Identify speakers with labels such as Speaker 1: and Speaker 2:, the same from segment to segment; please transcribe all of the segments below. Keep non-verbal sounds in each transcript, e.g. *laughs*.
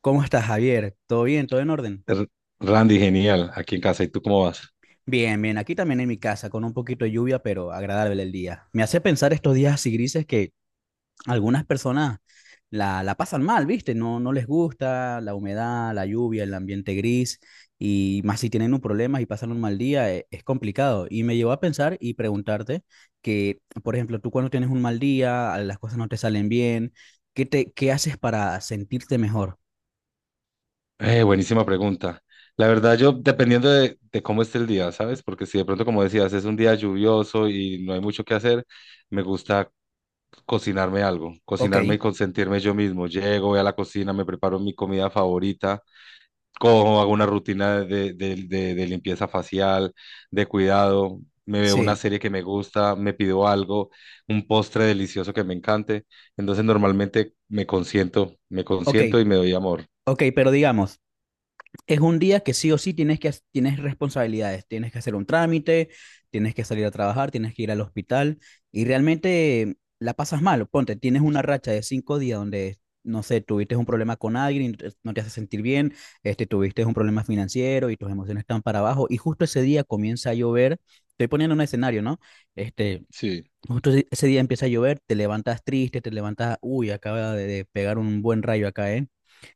Speaker 1: ¿Cómo estás, Javier? ¿Todo bien? ¿Todo en orden?
Speaker 2: R- Randy, genial, aquí en casa. ¿Y tú cómo vas?
Speaker 1: Bien, bien. Aquí también en mi casa, con un poquito de lluvia, pero agradable el día. Me hace pensar estos días así grises que algunas personas la pasan mal, ¿viste? No, no les gusta la humedad, la lluvia, el ambiente gris, y más si tienen un problema y pasan un mal día, es, complicado. Y me llevó a pensar y preguntarte que, por ejemplo, tú cuando tienes un mal día, las cosas no te salen bien, ¿qué haces para sentirte mejor?
Speaker 2: Buenísima pregunta. La verdad, yo dependiendo de cómo esté el día, ¿sabes? Porque si de pronto, como decías, es un día lluvioso y no hay mucho que hacer, me gusta cocinarme algo,
Speaker 1: Ok,
Speaker 2: cocinarme y consentirme yo mismo. Llego, voy a la cocina, me preparo mi comida favorita, cojo, hago una rutina de limpieza facial, de cuidado, me veo una
Speaker 1: sí,
Speaker 2: serie que me gusta, me pido algo, un postre delicioso que me encante. Entonces normalmente me
Speaker 1: ok.
Speaker 2: consiento y me doy amor.
Speaker 1: Ok, pero digamos, es un día que sí o sí tienes responsabilidades, tienes que hacer un trámite, tienes que salir a trabajar, tienes que ir al hospital y realmente la pasas mal. Ponte, tienes una racha de 5 días donde no sé, tuviste un problema con alguien, y no te hace sentir bien, este, tuviste un problema financiero y tus emociones están para abajo y justo ese día comienza a llover. Estoy poniendo un escenario, ¿no? Este,
Speaker 2: Sí.
Speaker 1: justo ese día empieza a llover, te levantas triste, te levantas, uy, acaba de pegar un buen rayo acá, ¿eh?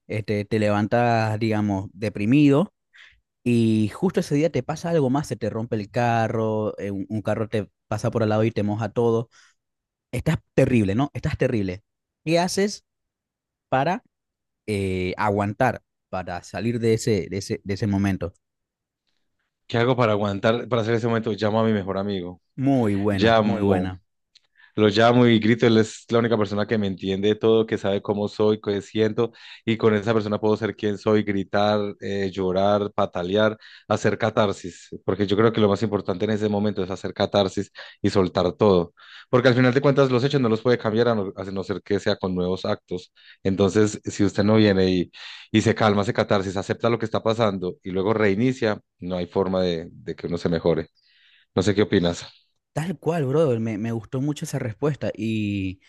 Speaker 1: Este, te levantas, digamos, deprimido, y justo ese día te pasa algo más, se te rompe el carro, un carro te pasa por al lado y te moja todo. Estás terrible, ¿no? Estás terrible. ¿Qué haces para aguantar, para salir de ese momento?
Speaker 2: ¿Qué hago para aguantar, para hacer ese momento? Llamo a mi mejor amigo.
Speaker 1: Muy buena, muy
Speaker 2: Llamo,
Speaker 1: buena.
Speaker 2: lo llamo y grito, él es la única persona que me entiende de todo, que sabe cómo soy, qué siento, y con esa persona puedo ser quien soy, gritar, llorar, patalear, hacer catarsis, porque yo creo que lo más importante en ese momento es hacer catarsis y soltar todo, porque al final de cuentas los hechos no los puede cambiar a no ser que sea con nuevos actos. Entonces, si usted no viene y se calma, hace catarsis, acepta lo que está pasando y luego reinicia, no hay forma de que uno se mejore. No sé qué opinas.
Speaker 1: Tal cual, brother, me gustó mucho esa respuesta y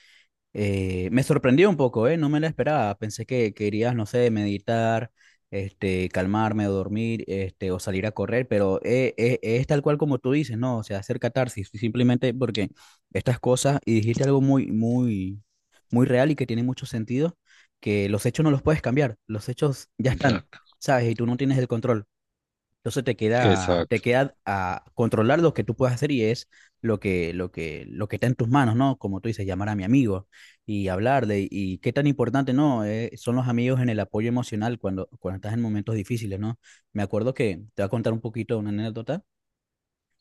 Speaker 1: Eh, me sorprendió un poco, ¿eh? No me la esperaba. Pensé que querías, no sé, meditar, este, calmarme o dormir, este, o salir a correr, pero es tal cual como tú dices, ¿no? O sea, hacer catarsis, simplemente porque estas cosas, y dijiste algo muy, muy, muy real y que tiene mucho sentido, que los hechos no los puedes cambiar, los hechos ya están,
Speaker 2: Exacto.
Speaker 1: ¿sabes? Y tú no tienes el control. Entonces te queda, te
Speaker 2: Exacto,
Speaker 1: queda a controlar lo que tú puedes hacer y es lo que está en tus manos, ¿no? Como tú dices, llamar a mi amigo y hablarle. Y qué tan importante, ¿no? Son los amigos en el apoyo emocional cuando estás en momentos difíciles, ¿no? Me acuerdo que te voy a contar un poquito una anécdota,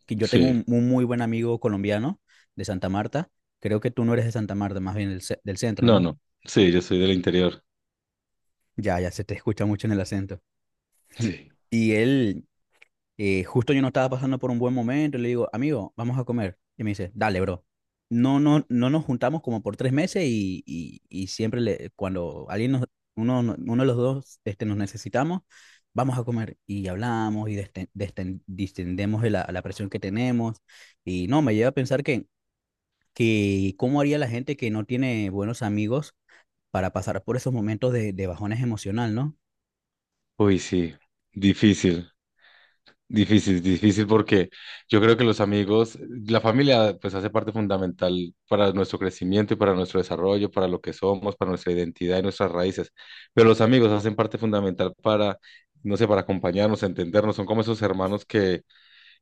Speaker 1: que yo tengo
Speaker 2: sí.
Speaker 1: un muy buen amigo colombiano de Santa Marta. Creo que tú no eres de Santa Marta, más bien del centro,
Speaker 2: No,
Speaker 1: ¿no?
Speaker 2: no. Sí, yo soy del interior.
Speaker 1: Ya, ya se te escucha mucho en el acento. *laughs*
Speaker 2: Sí.
Speaker 1: Y él, Justo yo no estaba pasando por un buen momento y le digo, amigo, vamos a comer. Y me dice, dale, bro. No, no, no nos juntamos como por 3 meses y siempre le, cuando alguien nos, uno, no, uno de los dos este, nos necesitamos, vamos a comer y hablamos y distendemos de la presión que tenemos. Y no, me lleva a pensar que cómo haría la gente que no tiene buenos amigos para pasar por esos momentos de bajones emocional, ¿no?
Speaker 2: Uy, sí. Difícil, difícil, difícil porque yo creo que los amigos, la familia, pues hace parte fundamental para nuestro crecimiento y para nuestro desarrollo, para lo que somos, para nuestra identidad y nuestras raíces. Pero los amigos hacen parte fundamental para, no sé, para acompañarnos, entendernos. Son como esos hermanos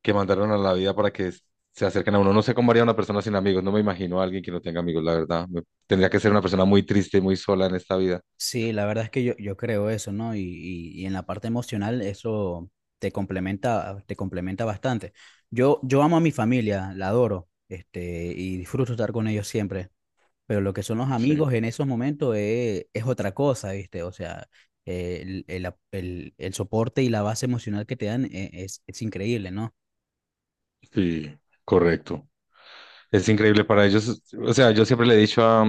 Speaker 2: que mandaron a la vida para que se acerquen a uno. No sé cómo haría una persona sin amigos. No me imagino a alguien que no tenga amigos, la verdad. Me- tendría que ser una persona muy triste y muy sola en esta vida.
Speaker 1: Sí, la verdad es que yo creo eso, ¿no? Y en la parte emocional eso te complementa bastante. Yo amo a mi familia, la adoro, este, y disfruto estar con ellos siempre, pero lo que son los
Speaker 2: Sí.
Speaker 1: amigos en esos momentos es otra cosa, ¿viste? O sea, el soporte y la base emocional que te dan es increíble, ¿no?
Speaker 2: Sí, correcto. Es increíble para ellos. O sea, yo siempre le he dicho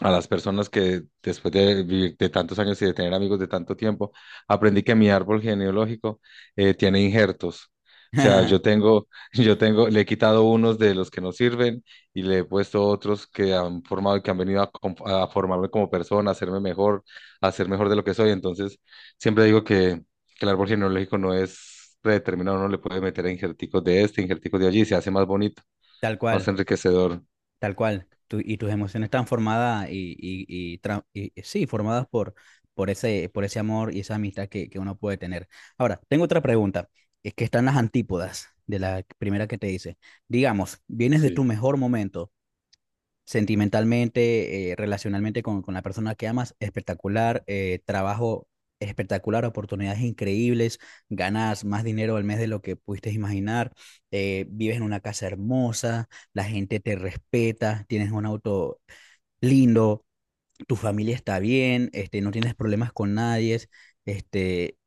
Speaker 2: a las personas que después de vivir de tantos años y de tener amigos de tanto tiempo, aprendí que mi árbol genealógico tiene injertos. O sea, yo
Speaker 1: *laughs*
Speaker 2: tengo, *laughs* yo tengo, le he quitado unos de los que no sirven y le he puesto otros que han formado y que han venido a, com- a formarme como persona, a hacerme mejor, a ser mejor de lo que soy. Entonces, siempre digo que el árbol genealógico no es predeterminado, uno le puede meter injerticos de este, injerticos de allí y se hace más bonito,
Speaker 1: Tal
Speaker 2: más
Speaker 1: cual.
Speaker 2: enriquecedor.
Speaker 1: Tal cual. Y tus emociones están formadas y sí, formadas por, por ese amor y esa amistad que uno puede tener. Ahora, tengo otra pregunta, es que están las antípodas de la primera que te hice. Digamos, vienes de tu
Speaker 2: Sí.
Speaker 1: mejor momento sentimentalmente, relacionalmente con la persona que amas, espectacular, trabajo espectacular, oportunidades increíbles, ganas más dinero al mes de lo que pudiste imaginar, vives en una casa hermosa, la gente te respeta, tienes un auto lindo, tu familia está bien, este, no tienes problemas con nadie, este,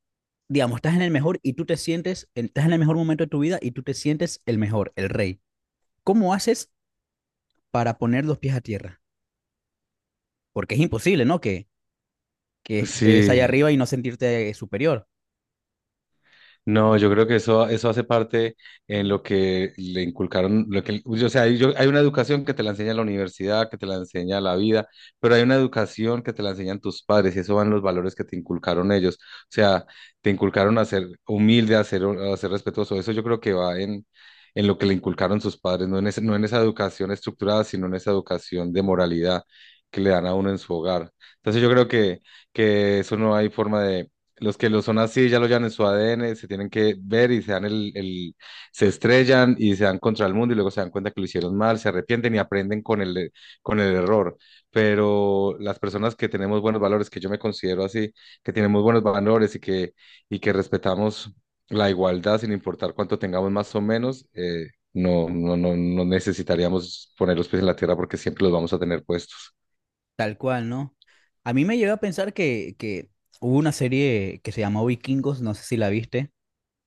Speaker 1: digamos, estás en el mejor y tú te sientes, estás en el mejor momento de tu vida y tú te sientes el mejor, el rey. ¿Cómo haces para poner los pies a tierra? Porque es imposible, ¿no? Que estés allá
Speaker 2: Sí,
Speaker 1: arriba y no sentirte superior,
Speaker 2: no, yo creo que eso hace parte en lo que le inculcaron, lo que, o sea, hay- yo- hay una educación que te la enseña la universidad, que te la enseña la vida, pero hay una educación que te la enseñan tus padres y eso van los valores que te inculcaron ellos. O sea, te inculcaron a ser humilde, a ser respetuoso. Eso yo creo que va en lo que le inculcaron sus padres, no en ese- no en esa educación estructurada, sino en esa educación de moralidad que le dan a uno en su hogar. Entonces yo creo que eso no hay forma, los que lo son así ya lo llevan en su ADN, se tienen que ver y se dan el- se estrellan y se dan contra el mundo y luego se dan cuenta que lo hicieron mal, se arrepienten y aprenden con el error. Pero las personas que tenemos buenos valores, que yo me considero así, que tenemos buenos valores y que respetamos la igualdad sin importar cuánto tengamos más o menos, no, no, no, no necesitaríamos poner los pies en la tierra porque siempre los vamos a tener puestos.
Speaker 1: tal cual, ¿no? A mí me lleva a pensar que hubo una serie que se llamó Vikingos, no sé si la viste,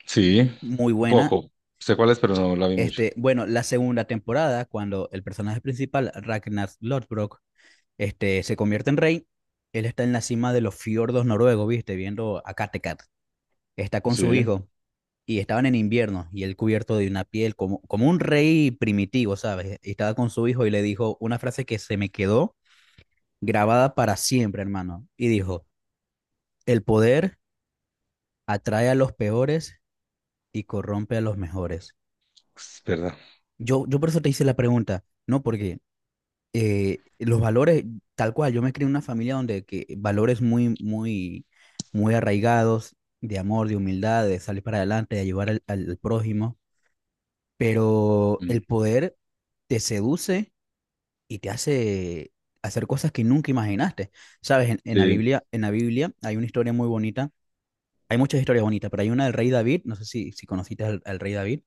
Speaker 2: Sí,
Speaker 1: muy
Speaker 2: un
Speaker 1: buena.
Speaker 2: poco. Sé cuál es, pero no la vi mucho.
Speaker 1: Este, bueno, la segunda temporada, cuando el personaje principal, Ragnar Lodbrok, este, se convierte en rey, él está en la cima de los fiordos noruegos, ¿viste? Viendo a Kattegat. Está con su
Speaker 2: Sí.
Speaker 1: hijo y estaban en invierno y él cubierto de una piel como un rey primitivo, ¿sabes? Y estaba con su hijo y le dijo una frase que se me quedó grabada para siempre, hermano. Y dijo, el poder atrae a los peores y corrompe a los mejores.
Speaker 2: Es verdad.
Speaker 1: Yo por eso te hice la pregunta, ¿no? Porque los valores, tal cual, yo me crié en una familia donde que valores muy, muy, muy arraigados de amor, de humildad, de salir para adelante, de ayudar al prójimo. Pero
Speaker 2: Mm.
Speaker 1: el poder te seduce y te hace hacer cosas que nunca imaginaste. Sabes, en, en la
Speaker 2: Sí,
Speaker 1: Biblia, en la Biblia hay una historia muy bonita, hay muchas historias bonitas, pero hay una del rey David, no sé si conociste al rey David.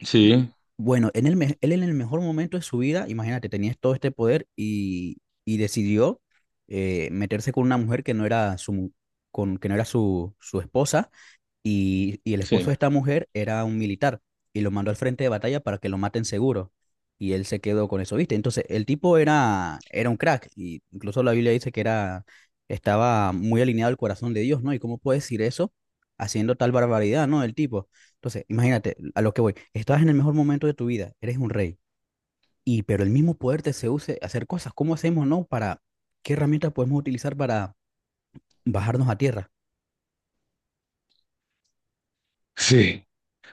Speaker 2: sí,
Speaker 1: Bueno, él en el mejor momento de su vida, imagínate, tenía todo este poder y decidió meterse con una mujer que no era su, con, que no era su esposa y el esposo
Speaker 2: sí,
Speaker 1: de esta mujer era un militar y lo mandó al frente de batalla para que lo maten seguro. Y él se quedó con eso, ¿viste? Entonces, el tipo era un crack. Y incluso la Biblia dice que era, estaba muy alineado al corazón de Dios, ¿no? ¿Y cómo puede decir eso haciendo tal barbaridad, ¿no? El tipo. Entonces, imagínate, a lo que voy. Estás en el mejor momento de tu vida, eres un rey. Y, pero el mismo poder te seduce a hacer cosas. ¿Cómo hacemos, no? Para, ¿qué herramientas podemos utilizar para bajarnos a tierra?
Speaker 2: sí.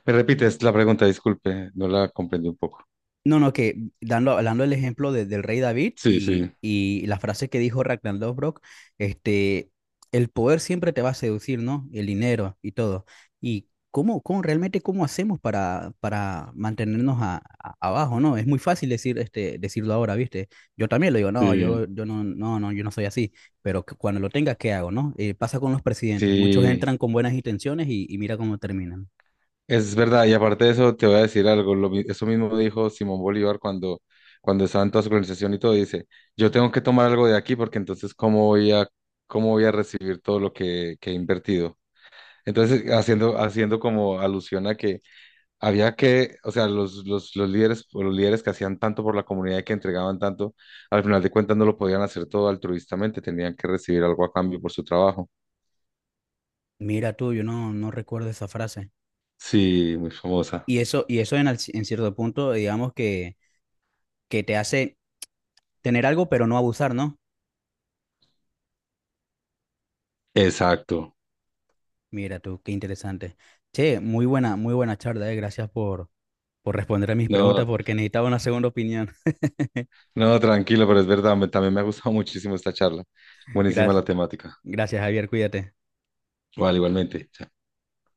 Speaker 2: Me repites la pregunta, disculpe, no la comprendí un poco.
Speaker 1: No, no, que dando, hablando el ejemplo del rey David
Speaker 2: Sí,
Speaker 1: y,
Speaker 2: sí,
Speaker 1: y la frase que dijo Ragnar Lothbrok, este, el poder siempre te va a seducir, ¿no? El dinero y todo. ¿Y cómo realmente cómo hacemos para, mantenernos abajo, ¿no? Es muy fácil decir, este, decirlo ahora, ¿viste? Yo también lo digo, no,
Speaker 2: sí,
Speaker 1: yo no, no, no, yo no soy así, pero cuando lo tenga, ¿qué hago, no? Pasa con los presidentes, muchos
Speaker 2: sí,
Speaker 1: entran con buenas intenciones y mira cómo terminan.
Speaker 2: es verdad. Y aparte de eso, te voy a decir algo. Lo mi- eso mismo dijo Simón Bolívar cuando, cuando estaba en toda su organización y todo. Dice, yo tengo que tomar algo de aquí porque entonces, cómo voy a recibir todo lo que he invertido? Entonces, haciendo, haciendo como alusión a que había que, o sea, los líderes, o los líderes que hacían tanto por la comunidad y que entregaban tanto, al final de cuentas no lo podían hacer todo altruistamente, tenían que recibir algo a cambio por su trabajo.
Speaker 1: Mira tú, yo no recuerdo esa frase.
Speaker 2: Sí, muy famosa.
Speaker 1: Y eso en cierto punto, digamos que te hace tener algo, pero no abusar, ¿no?
Speaker 2: Exacto.
Speaker 1: Mira tú, qué interesante. Che, muy buena charla. Gracias por responder a mis preguntas
Speaker 2: No,
Speaker 1: porque necesitaba una segunda opinión.
Speaker 2: no, tranquilo, pero es verdad, me- también me ha gustado *laughs* muchísimo esta charla.
Speaker 1: *laughs*
Speaker 2: Buenísima
Speaker 1: Gracias,
Speaker 2: la temática.
Speaker 1: gracias, Javier, cuídate.
Speaker 2: Vale, igualmente. Chao.